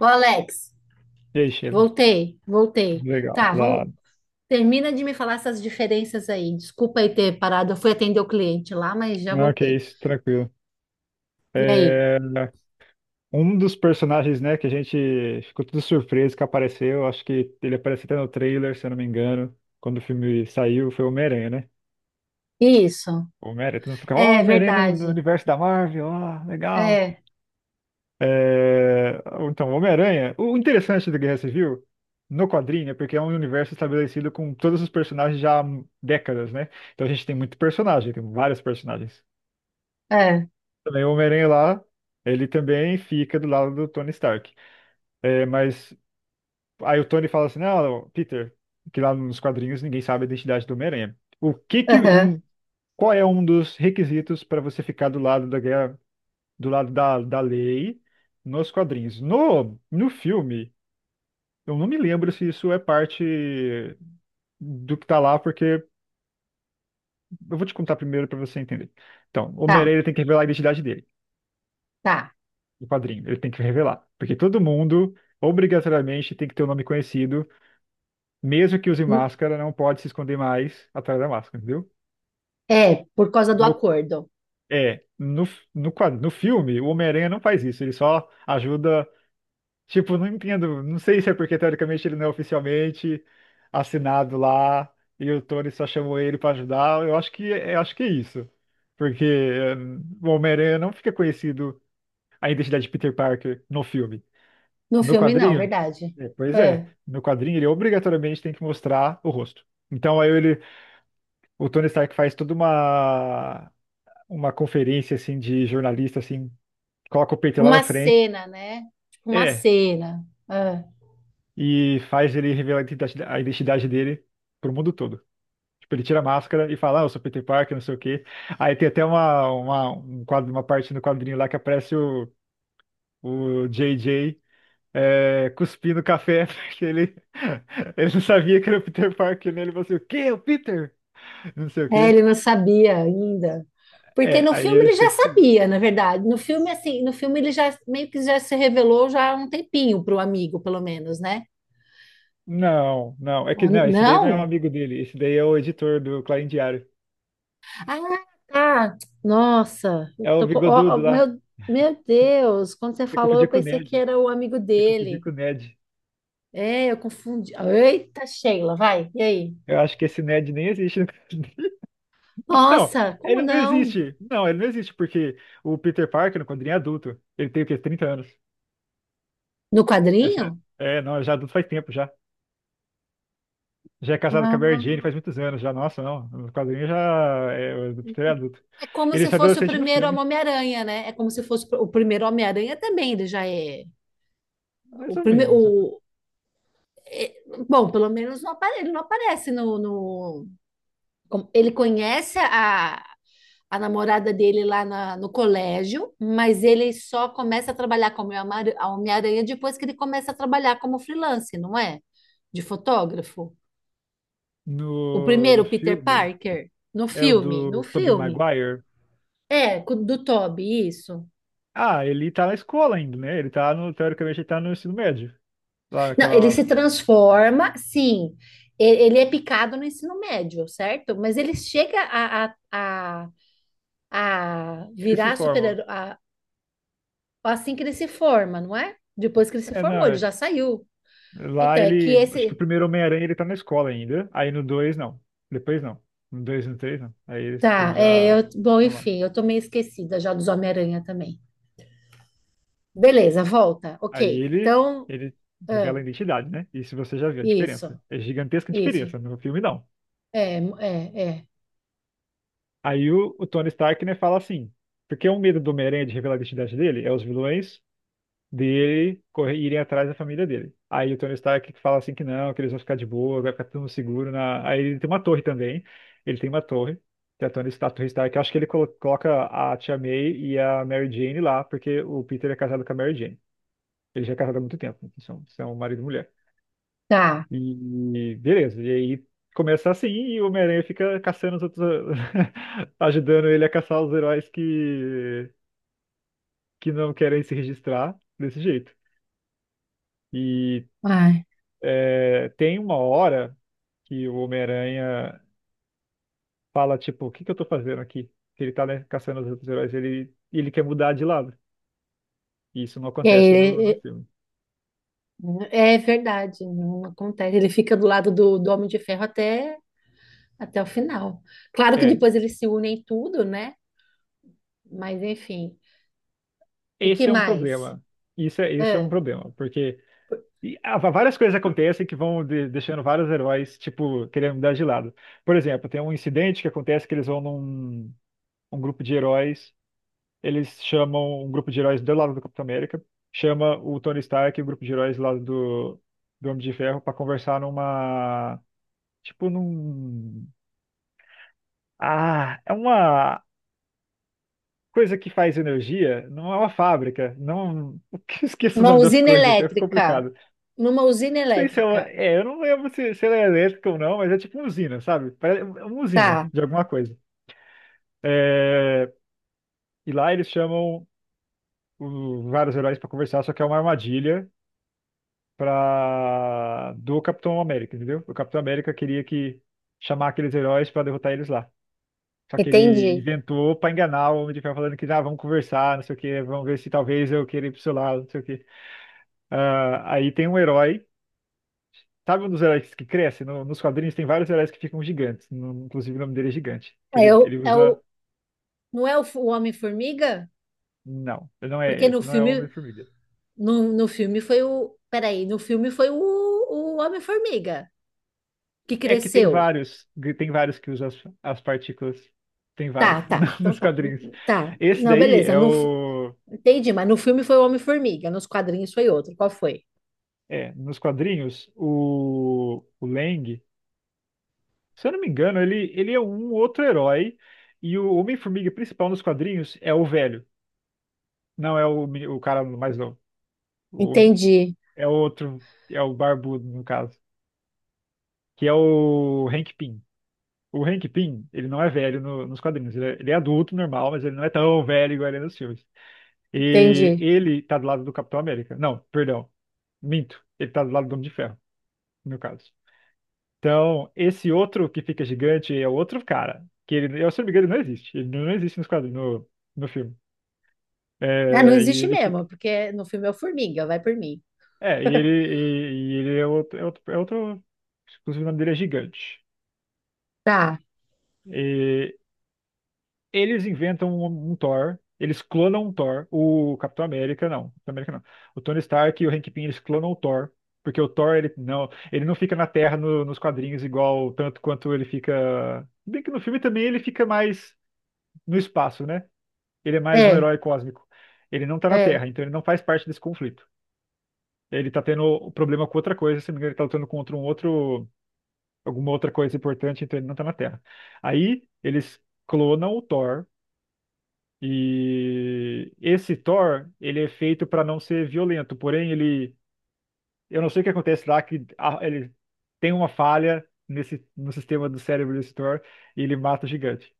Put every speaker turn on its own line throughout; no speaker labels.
Ô, Alex,
E aí, Sheila?
voltei.
Legal,
Tá,
da
vamos,
hora.
termina de me falar essas diferenças aí. Desculpa aí ter parado, eu fui atender o cliente lá, mas já
Não, que
voltei.
isso, tranquilo.
E aí?
É, um dos personagens, né, que a gente ficou tudo surpreso que apareceu, acho que ele apareceu até no trailer, se eu não me engano, quando o filme saiu, foi o Homem-Aranha, né?
Isso.
O Homem-Aranha, todo mundo fica, ó,
É
Homem-Aranha no
verdade.
universo da Marvel, ó, legal.
É,
É, então, o Homem-Aranha, o interessante do Guerra Civil, no quadrinho, é porque é um universo estabelecido com todos os personagens já há décadas, né? Então a gente tem muito personagem, tem vários personagens.
é.
Também o Homem-Aranha lá, ele também fica do lado do Tony Stark. É, mas aí o Tony fala assim, não, Peter, que lá nos quadrinhos ninguém sabe a identidade do Homem-Aranha. O que que
Aham.
um, qual é um dos requisitos para você ficar do lado da guerra, do lado da lei nos quadrinhos? No filme, eu não me lembro se isso é parte do que tá lá, porque eu vou te contar primeiro para você entender. Então, o
Tá,
Homem-Aranha tem que revelar a identidade dele.
tá.
Do padrinho. Ele tem que revelar. Porque todo mundo, obrigatoriamente, tem que ter o nome conhecido. Mesmo que use máscara, não pode se esconder mais atrás da máscara, entendeu?
É, por causa do
No-
acordo.
é, no, no filme, o Homem-Aranha não faz isso. Ele só ajuda. Tipo, não entendo. Não sei se é porque, teoricamente, ele não é oficialmente assinado lá. E o Tony só chamou ele pra ajudar. Eu acho que é isso. Porque o Homem-Aranha não fica conhecido a identidade de Peter Parker no filme.
No
No
filme, não,
quadrinho?
verdade.
É, pois é.
É.
No quadrinho ele obrigatoriamente tem que mostrar o rosto. Então aí ele, o Tony Stark faz toda uma conferência assim de jornalista assim, coloca o peito lá na
Uma
frente.
cena, né? Tipo, uma
É,
cena. É.
e faz ele revelar a identidade dele pro mundo todo. Tipo, ele tira a máscara e fala, ah, eu sou Peter Parker, não sei o quê. Aí tem até uma, um quadro, uma parte no quadrinho lá que aparece o JJ cuspindo café, porque ele, não sabia que era o Peter Parker, né? Ele falou assim, o quê? É o Peter? Não sei o
É,
quê.
ele não sabia ainda. Porque
É,
no
aí
filme
ele
ele
fica
já
descobrindo.
sabia, na verdade. No filme, assim, no filme ele já meio que já se revelou já há um tempinho para o amigo, pelo menos, né?
Não, não, é
Ó,
que não, esse daí não é um
não?
amigo dele, esse daí é o editor do Clarim Diário.
Ah, tá. Nossa, eu
É o
tô ó, ó,
bigodudo lá,
meu Deus, quando você
você
falou, eu
confundiu com o
pensei que
Ned,
era o amigo
você confundiu
dele.
com o Ned.
É, eu confundi. Eita, Sheila, vai, e aí?
Eu acho que esse Ned nem existe. Não,
Nossa, como
ele não
não?
existe. Não, ele não existe, porque o Peter Parker, quando ele é adulto, ele tem o quê? 30 anos.
No
Essa,
quadrinho?
é, não, já é adulto faz tempo já. Já é casado com a Mary Jane faz muitos anos já. Nossa, não. No quadrinho já é ele é adulto.
Como
Ele
se
é
fosse o
adolescente no
primeiro
filme,
Homem-Aranha, né? É como se fosse o primeiro Homem-Aranha também, ele já é o
mais ou menos.
primeiro. é- Bom, pelo menos ele não aparece Ele conhece a namorada dele no colégio, mas ele só começa a trabalhar como a Homem-Aranha depois que ele começa a trabalhar como freelance, não é? De fotógrafo. O
No
primeiro, Peter
filme
Parker, no
é o
filme, no
do Tobey
filme.
Maguire.
É, do Toby, isso.
Ah, ele tá na escola ainda, né? Ele tá no, teoricamente, ele tá no ensino médio. Lá
Não, ele
naquela.
se transforma, sim. Ele é picado no ensino médio, certo? Mas ele chega a, a
Ele se
virar
forma.
super-herói assim que ele se forma, não é? Depois que ele se
É, não,
formou, ele
é.
já saiu.
Lá
Então, é que
ele. Acho que o
esse.
primeiro Homem-Aranha ele tá na escola ainda. Aí no 2 não. Depois não. No 2 e no 3 não. Aí ele se
Tá, é,
já.
bom, enfim, eu tô meio esquecida já dos Homem-Aranha também. Beleza, volta. Ok.
Aí ele,
Então,
ele revela
ah,
a identidade, né? Isso você já viu a
isso,
diferença. É gigantesca a
isso.
diferença no filme, não.
É.
Aí o Tony Stark, né, fala assim, porque o medo do Homem-Aranha de revelar a identidade dele é os vilões dele correr, irem atrás da família dele. Aí o Tony Stark fala assim que não, que eles vão ficar de boa, vai ficar tudo seguro na... Aí ele tem uma torre também, ele tem uma torre, que é a Tony Stark, a Torre Stark. Eu acho que ele coloca a Tia May e a Mary Jane lá, porque o Peter é casado com a Mary Jane. Ele já é casado há muito tempo, são marido e mulher.
Tá.
E beleza, e aí começa assim e o Homem-Aranha fica caçando os outros, ajudando ele a caçar os heróis que não querem se registrar desse jeito. E
Ai.
é, tem uma hora que o Homem-Aranha fala, tipo, o que que eu tô fazendo aqui? Que ele tá, né, caçando os outros heróis, ele, quer mudar de lado. E isso não acontece no
É,
filme.
é verdade, não acontece. Ele fica do lado do, do Homem de Ferro até o final. Claro que
É,
depois eles se unem em tudo, né? Mas enfim. E que
esse é um
mais?
problema. Isso é um
Ah,
problema, porque E várias coisas acontecem que vão deixando vários heróis, tipo, querendo mudar de lado. Por exemplo, tem um incidente que acontece que eles vão num um grupo de heróis, eles chamam um grupo de heróis do lado do Capitão América, chama o Tony Stark e o grupo de heróis lá do Homem de Ferro para conversar numa, tipo, num... Ah, é uma coisa que faz energia, não é uma fábrica, não... Eu esqueço o
uma
nome das
usina
coisas, é
elétrica.
complicado.
Numa usina
Sei se é,
elétrica.
eu não lembro se ela é elétrica ou não, mas é tipo uma usina, sabe? Parece é uma usina
Tá,
de alguma coisa. É, e lá eles chamam vários heróis pra conversar, só que é uma armadilha pra, do Capitão América, entendeu? O Capitão América queria que chamar aqueles heróis pra derrotar eles lá. Só que ele
entendi.
inventou pra enganar o Homem de Ferro, falando que ah, vamos conversar, não sei o quê, vamos ver se talvez eu queira ir pro seu lado, não sei o quê. Ah, aí tem um herói. Sabe um dos heróis que cresce? Nos quadrinhos tem vários heróis que ficam gigantes. Inclusive o nome dele é gigante. Que
É
ele,
o, é
usa.
o, não é o, o Homem-Formiga?
Não, ele não
Porque
é
no
esse, não é o
filme,
Homem-Formiga.
no filme foi o. Peraí, no filme foi o Homem-Formiga que
É que tem
cresceu.
vários, tem vários que usam as partículas. Tem vários
Tá, tá. Então
nos
tá.
quadrinhos.
Tá.
Esse
Não,
daí
beleza.
é
No,
o.
Entendi, mas no filme foi o Homem-Formiga, nos quadrinhos foi outro. Qual foi?
É, nos quadrinhos, o Lang, se eu não me engano, ele, é um outro herói. E o Homem-Formiga principal nos quadrinhos é o velho. Não é o cara mais novo. O-
Entendi,
é outro, é o barbudo, no caso. Que é o Hank Pym. O Hank Pym, ele não é velho nos quadrinhos. Ele é adulto, normal, mas ele não é tão velho igual ele é nos filmes. E
entendi.
ele tá do lado do Capitão América. Não, perdão. Minto. Ele tá do lado do Homem de Ferro, no caso. Então, esse outro que fica gigante é outro cara. Que ele, eu, se não me engano, ele não existe. Ele não existe nos quadrinhos, no filme.
Ah, não
É, e
existe
ele fica.
mesmo, porque no filme é o Formiga, vai por mim.
É, e ele, e, e ele é outro, Inclusive, o nome dele é Gigante.
Tá,
E eles inventam um Thor, eles clonam um Thor, o Capitão América não, Capitão América não. O Tony Stark e o Hank Pym, eles clonam o Thor, porque o Thor, ele não fica na Terra nos quadrinhos igual tanto quanto ele fica, bem que no filme também ele fica mais no espaço, né? Ele é mais um
é,
herói cósmico. Ele não tá na
é.
Terra, então ele não faz parte desse conflito. Ele tá tendo o problema com outra coisa, se não me engano, ele tá lutando contra um outro, alguma outra coisa importante, então ele não tá na Terra. Aí eles clonam o Thor. E esse Thor, ele é feito para não ser violento, porém ele, eu não sei o que acontece lá que ele tem uma falha nesse no sistema do cérebro desse Thor e ele mata o gigante.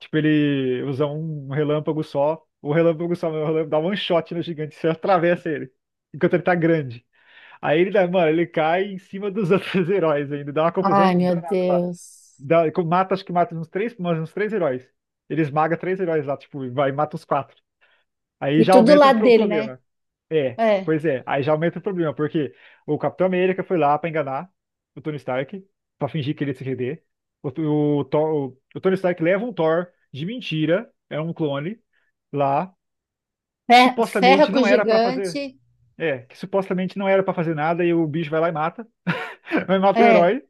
Tipo, ele usa um relâmpago só, o relâmpago dá one shot no gigante, você atravessa ele enquanto ele tá grande. Aí mano, ele cai em cima dos outros heróis ainda, dá uma confusão
Ai, meu
danada lá.
Deus.
Dá, mata, acho que mata uns três, mas uns três heróis. Ele esmaga três heróis lá, tipo, e vai e mata os quatro. Aí
E
já
tudo
aumenta
lá
o
dele, né?
problema. É,
É.
pois é. Aí já aumenta o problema, porque o Capitão América foi lá pra enganar o Tony Stark, pra fingir que ele ia se render. O, o Tony Stark leva um Thor de mentira, é um clone, lá, que
Ferra
supostamente
com o
não era pra fazer.
gigante,
É, que supostamente não era pra fazer nada e o bicho vai lá e mata. Vai matar o
é.
herói.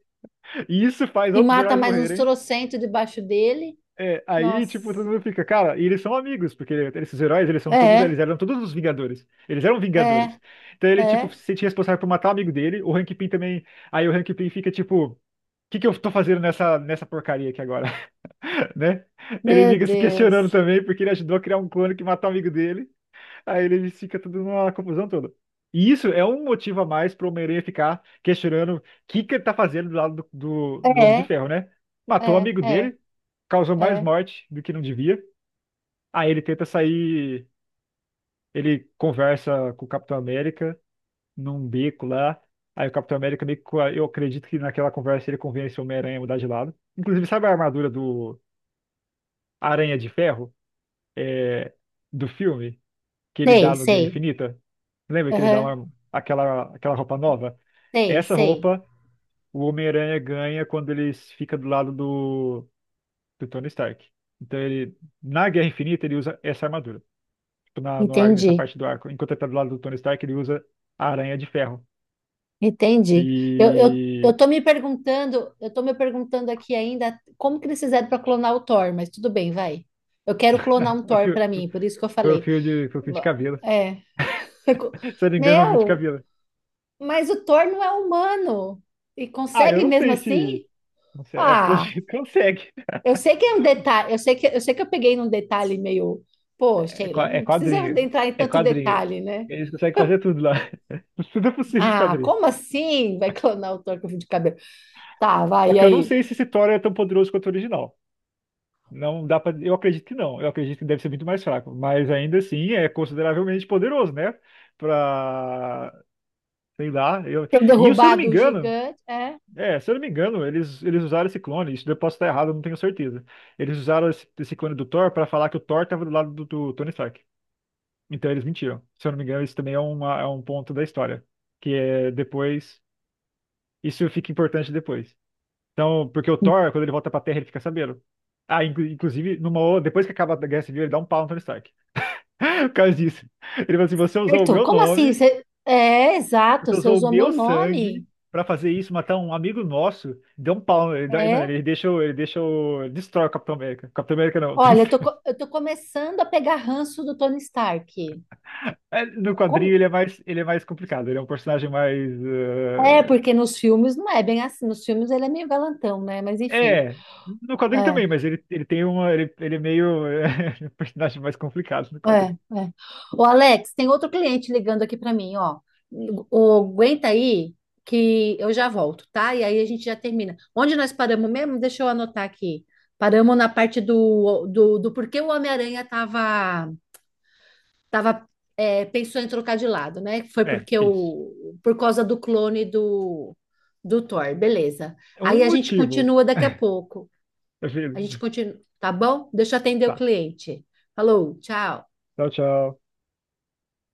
E isso faz
E
outros
mata
heróis
mais uns
morrerem.
trocentos debaixo dele.
É, aí,
Nossa.
tipo, todo mundo fica, cara, e eles são amigos, porque esses heróis, eles são todos,
É,
eles eram todos os Vingadores. Eles eram
é,
Vingadores. Então ele, tipo,
é.
se sentia responsável por matar o amigo dele, o Hank Pym também. Aí o Hank Pym fica, tipo, o que que eu tô fazendo nessa porcaria aqui agora, né? Ele
Meu
fica se questionando
Deus.
também, porque ele ajudou a criar um clone que matou o amigo dele. Aí ele fica tudo numa confusão toda. E isso é um motivo a mais pro Homem-Aranha ficar questionando o que que ele tá fazendo do lado do Homem de
É,
Ferro, né? Matou o
é,
amigo
é,
dele, causou mais
é.
morte do que não devia. Aí ele tenta sair, ele conversa com o Capitão América num beco lá. Aí o Capitão América meio que, eu acredito que naquela conversa ele convence o Homem-Aranha a mudar de lado. Inclusive, sabe a armadura do Aranha de Ferro? É, do filme? Que ele
Sei,
dá no Guerra
sei.
Infinita? Lembra que ele dá
Aham.
aquela roupa nova?
Sei,
Essa
sei.
roupa o Homem-Aranha ganha quando ele fica do lado do Tony Stark. Então ele, na Guerra Infinita, ele usa essa armadura. Tipo, na, no ar- nessa
Entendi,
parte do arco. Enquanto ele tá do lado do Tony Stark, ele usa a aranha de ferro.
entendi. Eu
E.
tô me perguntando, eu tô me perguntando aqui ainda como que eles fizeram para clonar o Thor, mas tudo bem, vai. Eu quero clonar um
o
Thor
fio-
para mim, por isso que eu
Foi o
falei.
fio de, foi o fio de
Va-
cabelo.
É.
Se eu não me engano, foi o fio de
Meu,
cabelo.
mas o Thor não é humano e
Ah, eu
consegue
não
mesmo
sei se.
assim?
Não sei, pelo
Ah,
jeito que consegue.
eu sei que é um detalhe, eu sei que eu sei que eu peguei num detalhe meio, pô,
É
Sheila,
qua- é
não precisa
quadrinho.
entrar em
É
tanto
quadrinho.
detalhe, né?
Eles conseguem fazer tudo lá. Tudo é possível dos
Ah,
quadrinhos.
como assim vai clonar o Thor com fio de cabelo? Tá,
Só
vai, e
que eu não
aí?
sei se esse Thor é tão poderoso quanto o original. Não dá para, eu acredito que não. Eu acredito que deve ser muito mais fraco, mas ainda assim é consideravelmente poderoso, né? Pra, sei lá, eu...
Ter
E se eu não me
derrubado o
engano,
gigante. É,
eles usaram esse clone, isso eu posso estar errado, eu não tenho certeza. Eles usaram esse clone do Thor para falar que o Thor tava do lado do Tony Stark. Então eles mentiram. Se eu não me engano, isso também é é um ponto da história, que é depois, isso fica importante depois. Então, porque o Thor, quando ele volta pra Terra, ele fica sabendo. Ah, inclusive, depois que acaba a Guerra Civil, ele dá um pau no Tony Stark. Por causa disso. Ele fala assim: você usou o
certo.
meu
Como assim?
nome,
É, exato,
você
você
usou o
usou meu
meu
nome.
sangue pra fazer isso, matar um amigo nosso. Deu um pau. Mano,
É.
ele deixa, destrói o Capitão América. Capitão América não, o Tony
Olha, eu tô,
Stark.
eu tô começando a pegar ranço do Tony Stark.
É, no quadrinho
Como-
ele é mais, complicado, ele é um personagem mais.
É,
eh,
porque nos filmes não é bem assim. Nos filmes ele é meio galantão, né? Mas enfim.
É, no quadrinho
É.
também, mas ele, tem uma. Ele é meio. Um personagem mais complicado no
É,
quadrinho.
é. Ô, Alex, tem outro cliente ligando aqui para mim, ó. O, aguenta aí que eu já volto, tá? E aí a gente já termina. Onde nós paramos mesmo? Deixa eu anotar aqui. Paramos na parte do porquê o Homem-Aranha tava, é, pensou em trocar de lado, né? Foi
É,
porque
isso.
o, por causa do clone do, do Thor, beleza.
É
Aí
um
a gente
motivo.
continua daqui a pouco.
Eu
A gente continua, tá bom? Deixa eu atender o
Tá.
cliente. Falou, tchau.
Tchau, tchau.